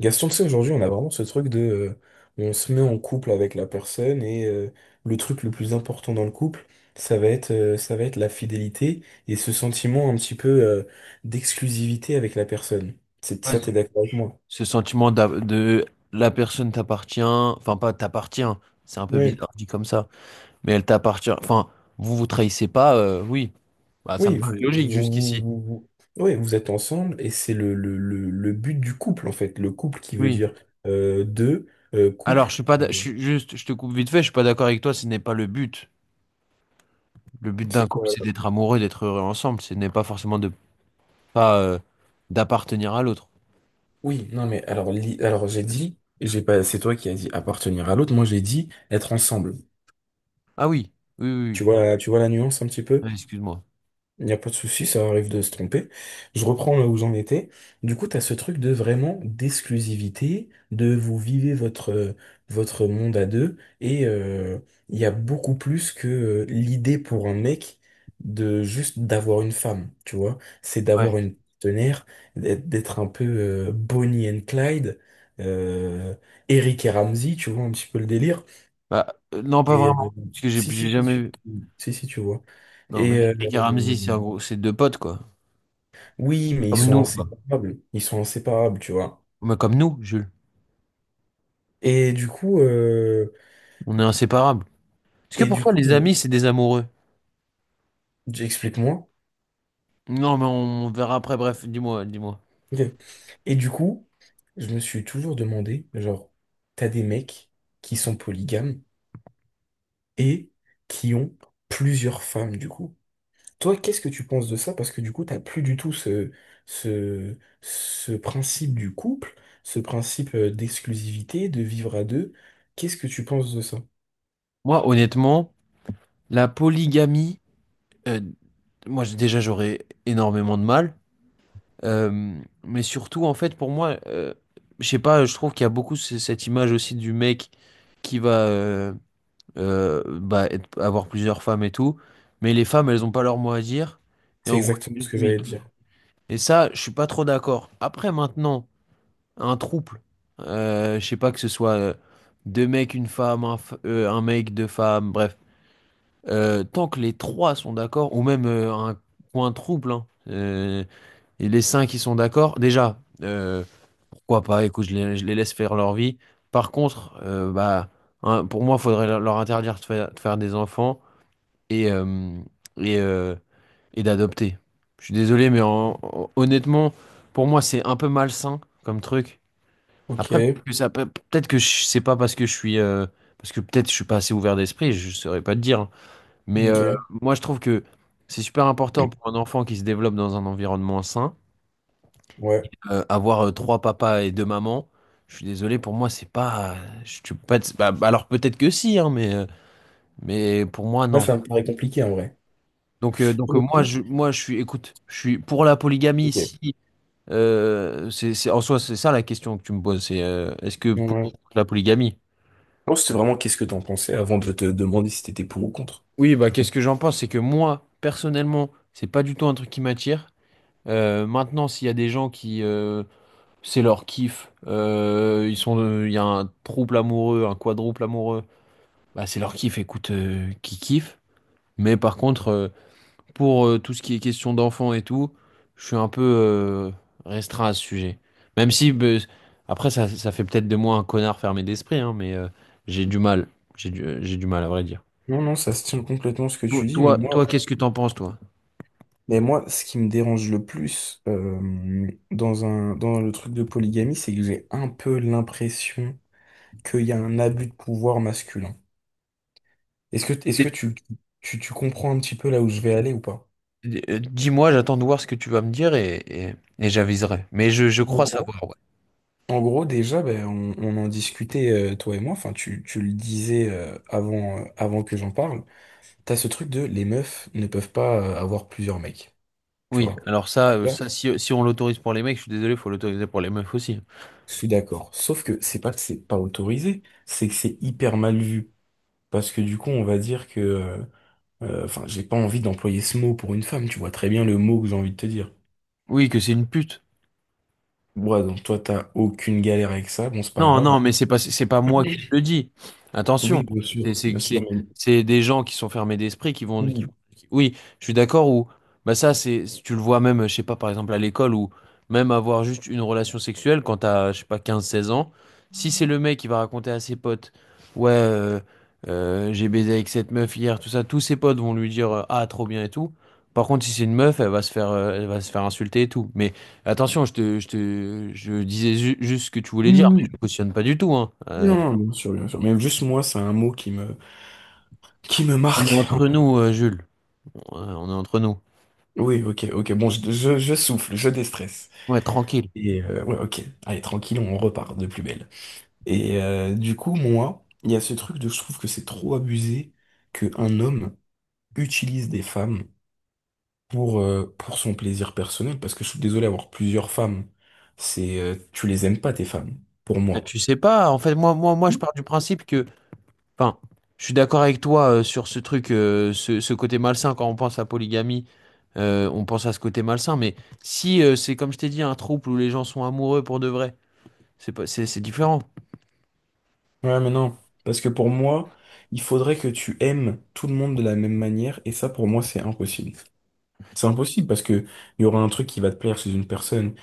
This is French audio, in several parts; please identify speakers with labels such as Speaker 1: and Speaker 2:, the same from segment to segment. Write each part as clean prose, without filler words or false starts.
Speaker 1: Gaston, tu sais, aujourd'hui, on a vraiment ce truc. On se met en couple avec la personne et le truc le plus important dans le couple, ça va être la fidélité et ce sentiment un petit peu d'exclusivité avec la personne. C'est,
Speaker 2: Ouais,
Speaker 1: ça,
Speaker 2: ce
Speaker 1: t'es d'accord avec moi?
Speaker 2: ce sentiment de la personne t'appartient, enfin pas t'appartient, c'est un peu
Speaker 1: Oui.
Speaker 2: bizarre dit comme ça, mais elle t'appartient, enfin vous vous trahissez pas, oui, bah ça me
Speaker 1: Oui, vous,
Speaker 2: paraît logique
Speaker 1: vous,
Speaker 2: jusqu'ici.
Speaker 1: vous, vous- ouais, vous êtes ensemble et c'est le but du couple, en fait. Le couple qui veut
Speaker 2: Oui.
Speaker 1: dire deux,
Speaker 2: Alors je
Speaker 1: couple.
Speaker 2: suis pas, je suis juste, je te coupe vite fait, je suis pas d'accord avec toi, ce n'est pas le but. Le but d'un
Speaker 1: C'est
Speaker 2: couple,
Speaker 1: quoi?
Speaker 2: c'est d'être amoureux, d'être heureux ensemble, ce n'est pas forcément de pas d'appartenir à l'autre.
Speaker 1: Oui, non, mais alors, li- alors j'ai dit, j'ai pas, c'est toi qui as dit appartenir à l'autre. Moi, j'ai dit être ensemble.
Speaker 2: Ah oui, oui, oui,
Speaker 1: Tu
Speaker 2: oui.
Speaker 1: vois, tu vois la nuance un petit
Speaker 2: Ouais,
Speaker 1: peu?
Speaker 2: excuse-moi.
Speaker 1: Il n'y a pas de souci, ça arrive de se tromper. Je reprends là où j'en étais. Du coup, tu as ce truc de vraiment d'exclusivité, de vous vivez votre monde à deux, et il y a beaucoup plus que l'idée pour un mec de juste d'avoir une femme, tu vois. C'est
Speaker 2: Ouais.
Speaker 1: d'avoir une partenaire, d'être d'être un peu Bonnie and Clyde, euh, Eric et Ramsey, tu vois, un petit peu le délire.
Speaker 2: Bah, non, pas
Speaker 1: Et
Speaker 2: vraiment, parce que j'ai
Speaker 1: si, si,
Speaker 2: j'ai
Speaker 1: si,
Speaker 2: jamais
Speaker 1: tu-
Speaker 2: vu.
Speaker 1: si, si, si, tu vois.
Speaker 2: Non, mais
Speaker 1: Et,
Speaker 2: Eric et
Speaker 1: euh,
Speaker 2: Ramzy, c'est un c'est deux potes quoi,
Speaker 1: Oui, mais ils
Speaker 2: comme
Speaker 1: sont
Speaker 2: nous.
Speaker 1: inséparables. Ils sont inséparables, tu vois.
Speaker 2: Bah, comme nous, Jules.
Speaker 1: Et du coup, euh,
Speaker 2: On est inséparables. Est-ce que
Speaker 1: et
Speaker 2: pour
Speaker 1: du
Speaker 2: toi,
Speaker 1: coup,
Speaker 2: les
Speaker 1: il-
Speaker 2: amis, c'est des amoureux?
Speaker 1: j'explique-moi.
Speaker 2: Non, mais on verra après. Bref, dis-moi, dis-moi.
Speaker 1: Ok. Et du coup, je me suis toujours demandé, genre, t'as des mecs qui sont polygames et qui ont plusieurs femmes, du coup. Toi, qu'est-ce que tu penses de ça? Parce que du coup, t'as plus du tout ce principe du couple, ce principe d'exclusivité, de vivre à deux. Qu'est-ce que tu penses de ça?
Speaker 2: Moi, honnêtement, la polygamie, euh, moi, déjà, j'aurais énormément de mal. Euh, mais surtout, en fait, pour moi, je sais pas, je trouve qu'il y a beaucoup cette image aussi du mec qui va bah, avoir plusieurs femmes et tout. Mais les femmes, elles ont pas leur mot à dire. Et
Speaker 1: C'est
Speaker 2: en gros,
Speaker 1: exactement
Speaker 2: c'est
Speaker 1: ce
Speaker 2: juste
Speaker 1: que
Speaker 2: lui.
Speaker 1: j'allais te dire.
Speaker 2: Et ça, je suis pas trop d'accord. Après, maintenant. Un trouble. Je sais pas que ce soit deux mecs, une femme, un mec, deux femmes, bref. Tant que les trois sont d'accord, ou même un coin trouble, hein, et les cinq qui sont d'accord, déjà, pourquoi pas, écoute, je les laisse faire leur vie. Par contre, bah, hein, pour moi, il faudrait leur interdire de de faire des enfants et, euh, et, euh, et d'adopter. Je suis désolé, mais honnêtement, pour moi, c'est un peu malsain comme truc.
Speaker 1: Ok,
Speaker 2: Après, peut-être que c'est pas parce que je suis, parce que peut-être je suis pas assez ouvert d'esprit, je saurais pas te dire, hein. Mais
Speaker 1: ok.
Speaker 2: moi, je trouve que c'est super important pour un enfant qui se développe dans un environnement sain.
Speaker 1: Ouais.
Speaker 2: Avoir 3 papas et 2 mamans, je suis désolé, pour moi, c'est pas, je, tu peux pas bah, bah, alors peut-être que si, hein, mais pour moi,
Speaker 1: Là,
Speaker 2: non.
Speaker 1: ça me paraît compliqué en vrai.
Speaker 2: Donc,
Speaker 1: Mais fou.
Speaker 2: moi, je suis, écoute, je suis pour la polygamie
Speaker 1: Ok. Ouais.
Speaker 2: si. C'est, en soi, c'est ça la question que tu me poses, c'est est-ce que pour la polygamie?
Speaker 1: Non, c'était vraiment qu'est-ce que t'en pensais avant de te demander si t'étais pour ou contre.
Speaker 2: Oui, bah qu'est-ce que j'en pense? C'est que moi, personnellement, c'est pas du tout un truc qui m'attire. Maintenant, s'il y a des gens qui, c'est leur kiff, ils sont, il y a un trouble amoureux, un quadruple amoureux, bah c'est leur kiff, écoute, qui kiffe. Mais par contre, pour tout ce qui est question d'enfants et tout, je suis un peu restreint à ce sujet. Même si, bah, après, ça fait peut-être de moi un connard fermé d'esprit, hein, mais j'ai du mal, j'ai du mal à vrai dire.
Speaker 1: Non, non, ça se tient complètement ce que tu dis, mais
Speaker 2: Toi,
Speaker 1: moi,
Speaker 2: toi, qu'est-ce que t'en penses, toi?
Speaker 1: mais moi, ce qui me dérange le plus dans le truc de polygamie, c'est que j'ai un peu l'impression qu'il y a un abus de pouvoir masculin. Est-ce que tu comprends un petit peu là où je vais aller ou pas?
Speaker 2: Dis-moi, j'attends de voir ce que tu vas me dire et, et j'aviserai. Mais je
Speaker 1: En
Speaker 2: crois
Speaker 1: gros,
Speaker 2: savoir, ouais.
Speaker 1: en gros, déjà, ben, on en discutait, toi et moi, enfin, tu le disais avant que j'en parle. T'as ce truc de les meufs ne peuvent pas avoir plusieurs mecs, tu
Speaker 2: Oui,
Speaker 1: vois.
Speaker 2: alors ça,
Speaker 1: Là,
Speaker 2: si, si on l'autorise pour les mecs, je suis désolé, faut l'autoriser pour les meufs aussi.
Speaker 1: je suis d'accord. Sauf que c'est pas autorisé, c'est que c'est hyper mal vu. Parce que du coup, on va dire que... j'ai pas envie d'employer ce mot pour une femme, tu vois très bien le mot que j'ai envie de te dire.
Speaker 2: Oui, que c'est une pute.
Speaker 1: Ouais, donc toi, t'as aucune galère avec ça, bon, c'est pas
Speaker 2: Non, non,
Speaker 1: grave.
Speaker 2: mais c'est pas moi qui le dis. Attention,
Speaker 1: Oui,
Speaker 2: c'est
Speaker 1: bien
Speaker 2: c'est-
Speaker 1: sûr,
Speaker 2: c'est-
Speaker 1: mais...
Speaker 2: c'est des gens qui sont fermés d'esprit qui vont.
Speaker 1: Oui,
Speaker 2: Oui, je suis d'accord. Ou bah ça, c'est tu le vois même, je sais pas, par exemple à l'école ou même avoir juste une relation sexuelle quand t'as, je sais pas, 15 16 ans. Si c'est le mec qui va raconter à ses potes, ouais, j'ai baisé avec cette meuf hier, tout ça, tous ses potes vont lui dire ah trop bien et tout. Par contre, si c'est une meuf, elle va se faire, elle va se faire insulter et tout. Mais attention, je disais juste ce que tu voulais
Speaker 1: oui,
Speaker 2: dire
Speaker 1: oui.
Speaker 2: cautionne pas du tout, hein.
Speaker 1: Non, bien sûr, bien sûr. Mais juste moi, c'est un mot qui me
Speaker 2: On est
Speaker 1: marque un
Speaker 2: entre
Speaker 1: peu.
Speaker 2: nous, Jules. On est entre nous.
Speaker 1: Oui, ok, ok. Bon, je souffle, je déstresse.
Speaker 2: Ouais, tranquille.
Speaker 1: Et ouais, ok, allez, tranquille, on repart de plus belle. Et du coup, moi, il y a ce truc de je trouve que c'est trop abusé qu'un homme utilise des femmes pour son plaisir personnel, parce que je suis désolé, avoir plusieurs femmes, c'est tu les aimes pas, tes femmes, pour moi.
Speaker 2: Tu sais pas, en fait, moi, je
Speaker 1: Non.
Speaker 2: pars du principe que, enfin, je suis d'accord avec toi sur ce truc, ce côté malsain quand on pense à polygamie, on pense à ce côté malsain. Mais si c'est comme je t'ai dit, un trouble où les gens sont amoureux pour de vrai, c'est pas, c'est différent.
Speaker 1: Ouais, mais non, parce que pour moi, il faudrait que tu aimes tout le monde de la même manière, et ça, pour moi, c'est impossible. C'est impossible parce que il y aura un truc qui va te plaire chez une personne,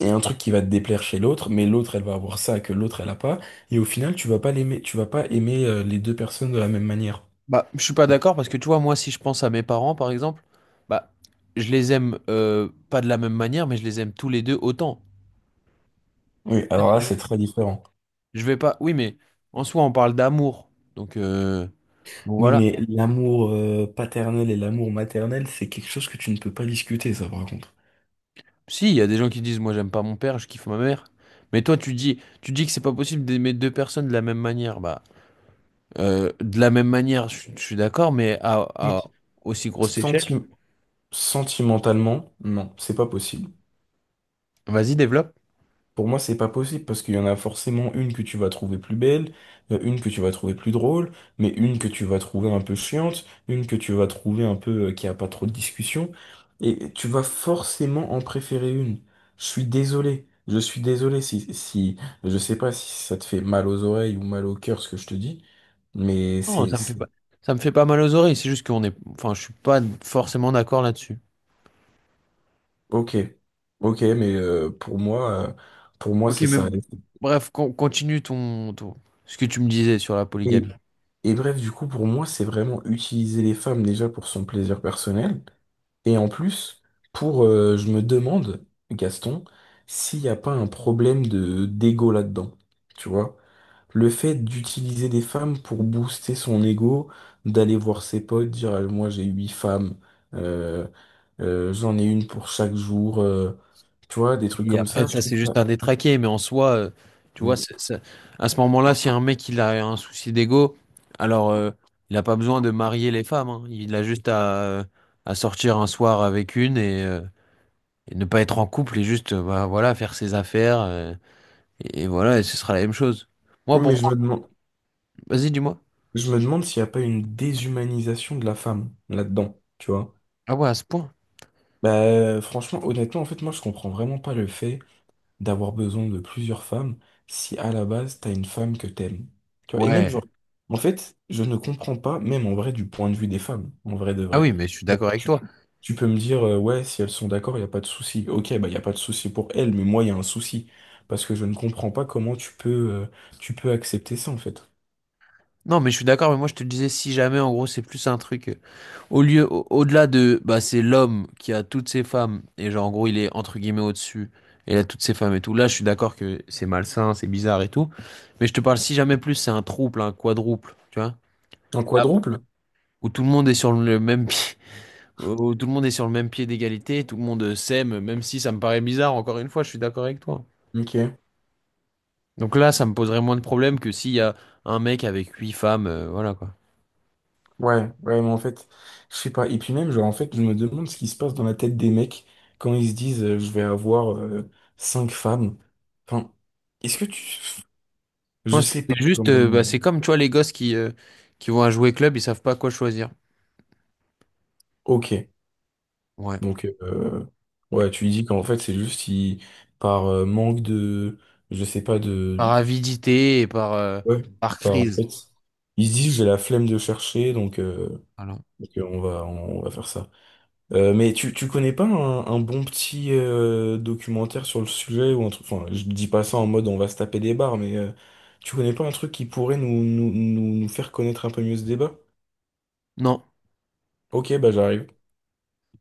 Speaker 1: et un truc qui va te déplaire chez l'autre, mais l'autre, elle va avoir ça que l'autre, elle a pas. Et au final, tu vas pas l'aimer, tu vas pas aimer les deux personnes de la même manière.
Speaker 2: Bah, je suis pas d'accord parce que tu vois, moi, si je pense à mes parents, par exemple, bah, je les aime pas de la même manière, mais je les aime tous les deux autant.
Speaker 1: Oui, alors là, c'est très différent.
Speaker 2: Je vais pas. Oui, mais en soi, on parle d'amour. Donc, euh, donc
Speaker 1: Oui,
Speaker 2: voilà.
Speaker 1: mais l'amour paternel et l'amour maternel, c'est quelque chose que tu ne peux pas discuter, ça, par contre.
Speaker 2: Si, il y a des gens qui disent, moi, j'aime pas mon père, je kiffe ma mère. Mais toi, tu dis que c'est pas possible d'aimer deux personnes de la même manière. Bah, de la même manière, je suis d'accord, mais à
Speaker 1: Donc,
Speaker 2: aussi grosse échelle.
Speaker 1: senti- sentimentalement, non, c'est pas possible.
Speaker 2: Vas-y, développe.
Speaker 1: Pour moi, c'est pas possible parce qu'il y en a forcément une que tu vas trouver plus belle, une que tu vas trouver plus drôle, mais une que tu vas trouver un peu chiante, une que tu vas trouver un peu qui a pas trop de discussion, et tu vas forcément en préférer une. Je suis désolé si, si, je sais pas si ça te fait mal aux oreilles ou mal au cœur ce que je te dis, mais
Speaker 2: Non,
Speaker 1: c'est,
Speaker 2: ça me fait pas,
Speaker 1: c'est,
Speaker 2: ça me fait pas mal aux oreilles. C'est juste qu'on est, enfin, je suis pas forcément d'accord là-dessus.
Speaker 1: ok, ok, mais pour moi
Speaker 2: Ok,
Speaker 1: c'est
Speaker 2: mais
Speaker 1: ça.
Speaker 2: bref, continue ton, ce que tu me disais sur la
Speaker 1: Et,
Speaker 2: polygamie.
Speaker 1: Et bref, du coup, pour moi, c'est vraiment utiliser les femmes déjà pour son plaisir personnel. Et en plus, je me demande, Gaston, s'il n'y a pas un problème de d'ego là-dedans. Tu vois? Le fait d'utiliser des femmes pour booster son ego, d'aller voir ses potes, dire, ah, moi j'ai huit femmes, euh, j'en ai une pour chaque jour, tu vois, des trucs comme ça,
Speaker 2: Après,
Speaker 1: je
Speaker 2: ça,
Speaker 1: trouve
Speaker 2: c'est
Speaker 1: ça.
Speaker 2: juste un détraqué, mais en soi, tu vois,
Speaker 1: Mm.
Speaker 2: à ce moment-là, si un mec il a un souci d'ego, alors il n'a pas besoin de marier les femmes, hein. Il a juste à sortir un soir avec une et ne pas être en couple et juste bah, voilà, faire ses affaires, et voilà, et ce sera la même chose. Moi,
Speaker 1: Oui.
Speaker 2: pour
Speaker 1: Mais
Speaker 2: moi, vas-y, dis-moi.
Speaker 1: je me demande s'il n'y a pas une déshumanisation de la femme là-dedans, tu vois.
Speaker 2: Ah ouais, à ce point.
Speaker 1: Bah, franchement, honnêtement, en fait, moi, je comprends vraiment pas le fait d'avoir besoin de plusieurs femmes si à la base, t'as une femme que t'aimes. Tu vois, et même,
Speaker 2: Ouais.
Speaker 1: genre, en fait, je ne comprends pas, même en vrai, du point de vue des femmes, en vrai de
Speaker 2: Ah
Speaker 1: vrai.
Speaker 2: oui, mais je suis
Speaker 1: Bon,
Speaker 2: d'accord avec toi.
Speaker 1: tu peux me dire, ouais, si elles sont d'accord, il n'y a pas de souci. Ok, bah, il n'y a pas de souci pour elles, mais moi, il y a un souci. Parce que je ne comprends pas comment tu peux accepter ça, en fait.
Speaker 2: Non, mais je suis d'accord, mais moi, je te disais, si jamais, en gros, c'est plus un truc. Au lieu, au-delà de, bah, c'est l'homme qui a toutes ses femmes, et genre, en gros, il est entre guillemets au-dessus, et il a toutes ses femmes et tout. Là, je suis d'accord que c'est malsain, c'est bizarre et tout. Mais je te parle, si jamais plus, c'est un trouble, un quadruple, tu vois,
Speaker 1: Un quadruple?
Speaker 2: où tout le monde est sur le même pied, où tout le monde est sur le même pied d'égalité, tout le monde s'aime, même si ça me paraît bizarre, encore une fois, je suis d'accord avec toi.
Speaker 1: Ok.
Speaker 2: Donc là, ça me poserait moins de problèmes que s'il y a un mec avec 8 femmes, voilà quoi.
Speaker 1: Ouais, ouais, mais en fait, je sais pas. Et puis même, genre, en fait, je me demande ce qui se passe dans la tête des mecs quand ils se disent je vais avoir cinq femmes. Enfin, est-ce que tu. Je
Speaker 2: Moi, c'est
Speaker 1: sais pas
Speaker 2: juste, bah,
Speaker 1: comment.
Speaker 2: c'est comme, tu vois, les gosses qui vont à jouer club, ils savent pas quoi choisir.
Speaker 1: Ok.
Speaker 2: Ouais.
Speaker 1: Donc, ouais, tu dis qu'en fait, c'est juste par manque de. Je sais pas de.
Speaker 2: Par avidité et par,
Speaker 1: Ouais,
Speaker 2: par
Speaker 1: par en fait.
Speaker 2: crise.
Speaker 1: Ils se disent j'ai la flemme de chercher, donc, euh,
Speaker 2: Alors,
Speaker 1: donc, euh, on va faire ça. Mais tu connais pas un bon petit documentaire sur le sujet ou un truc, enfin je dis pas ça en mode on va se taper des barres, tu connais pas un truc qui pourrait nous faire connaître un peu mieux ce débat?
Speaker 2: non,
Speaker 1: Ok, bah j'arrive.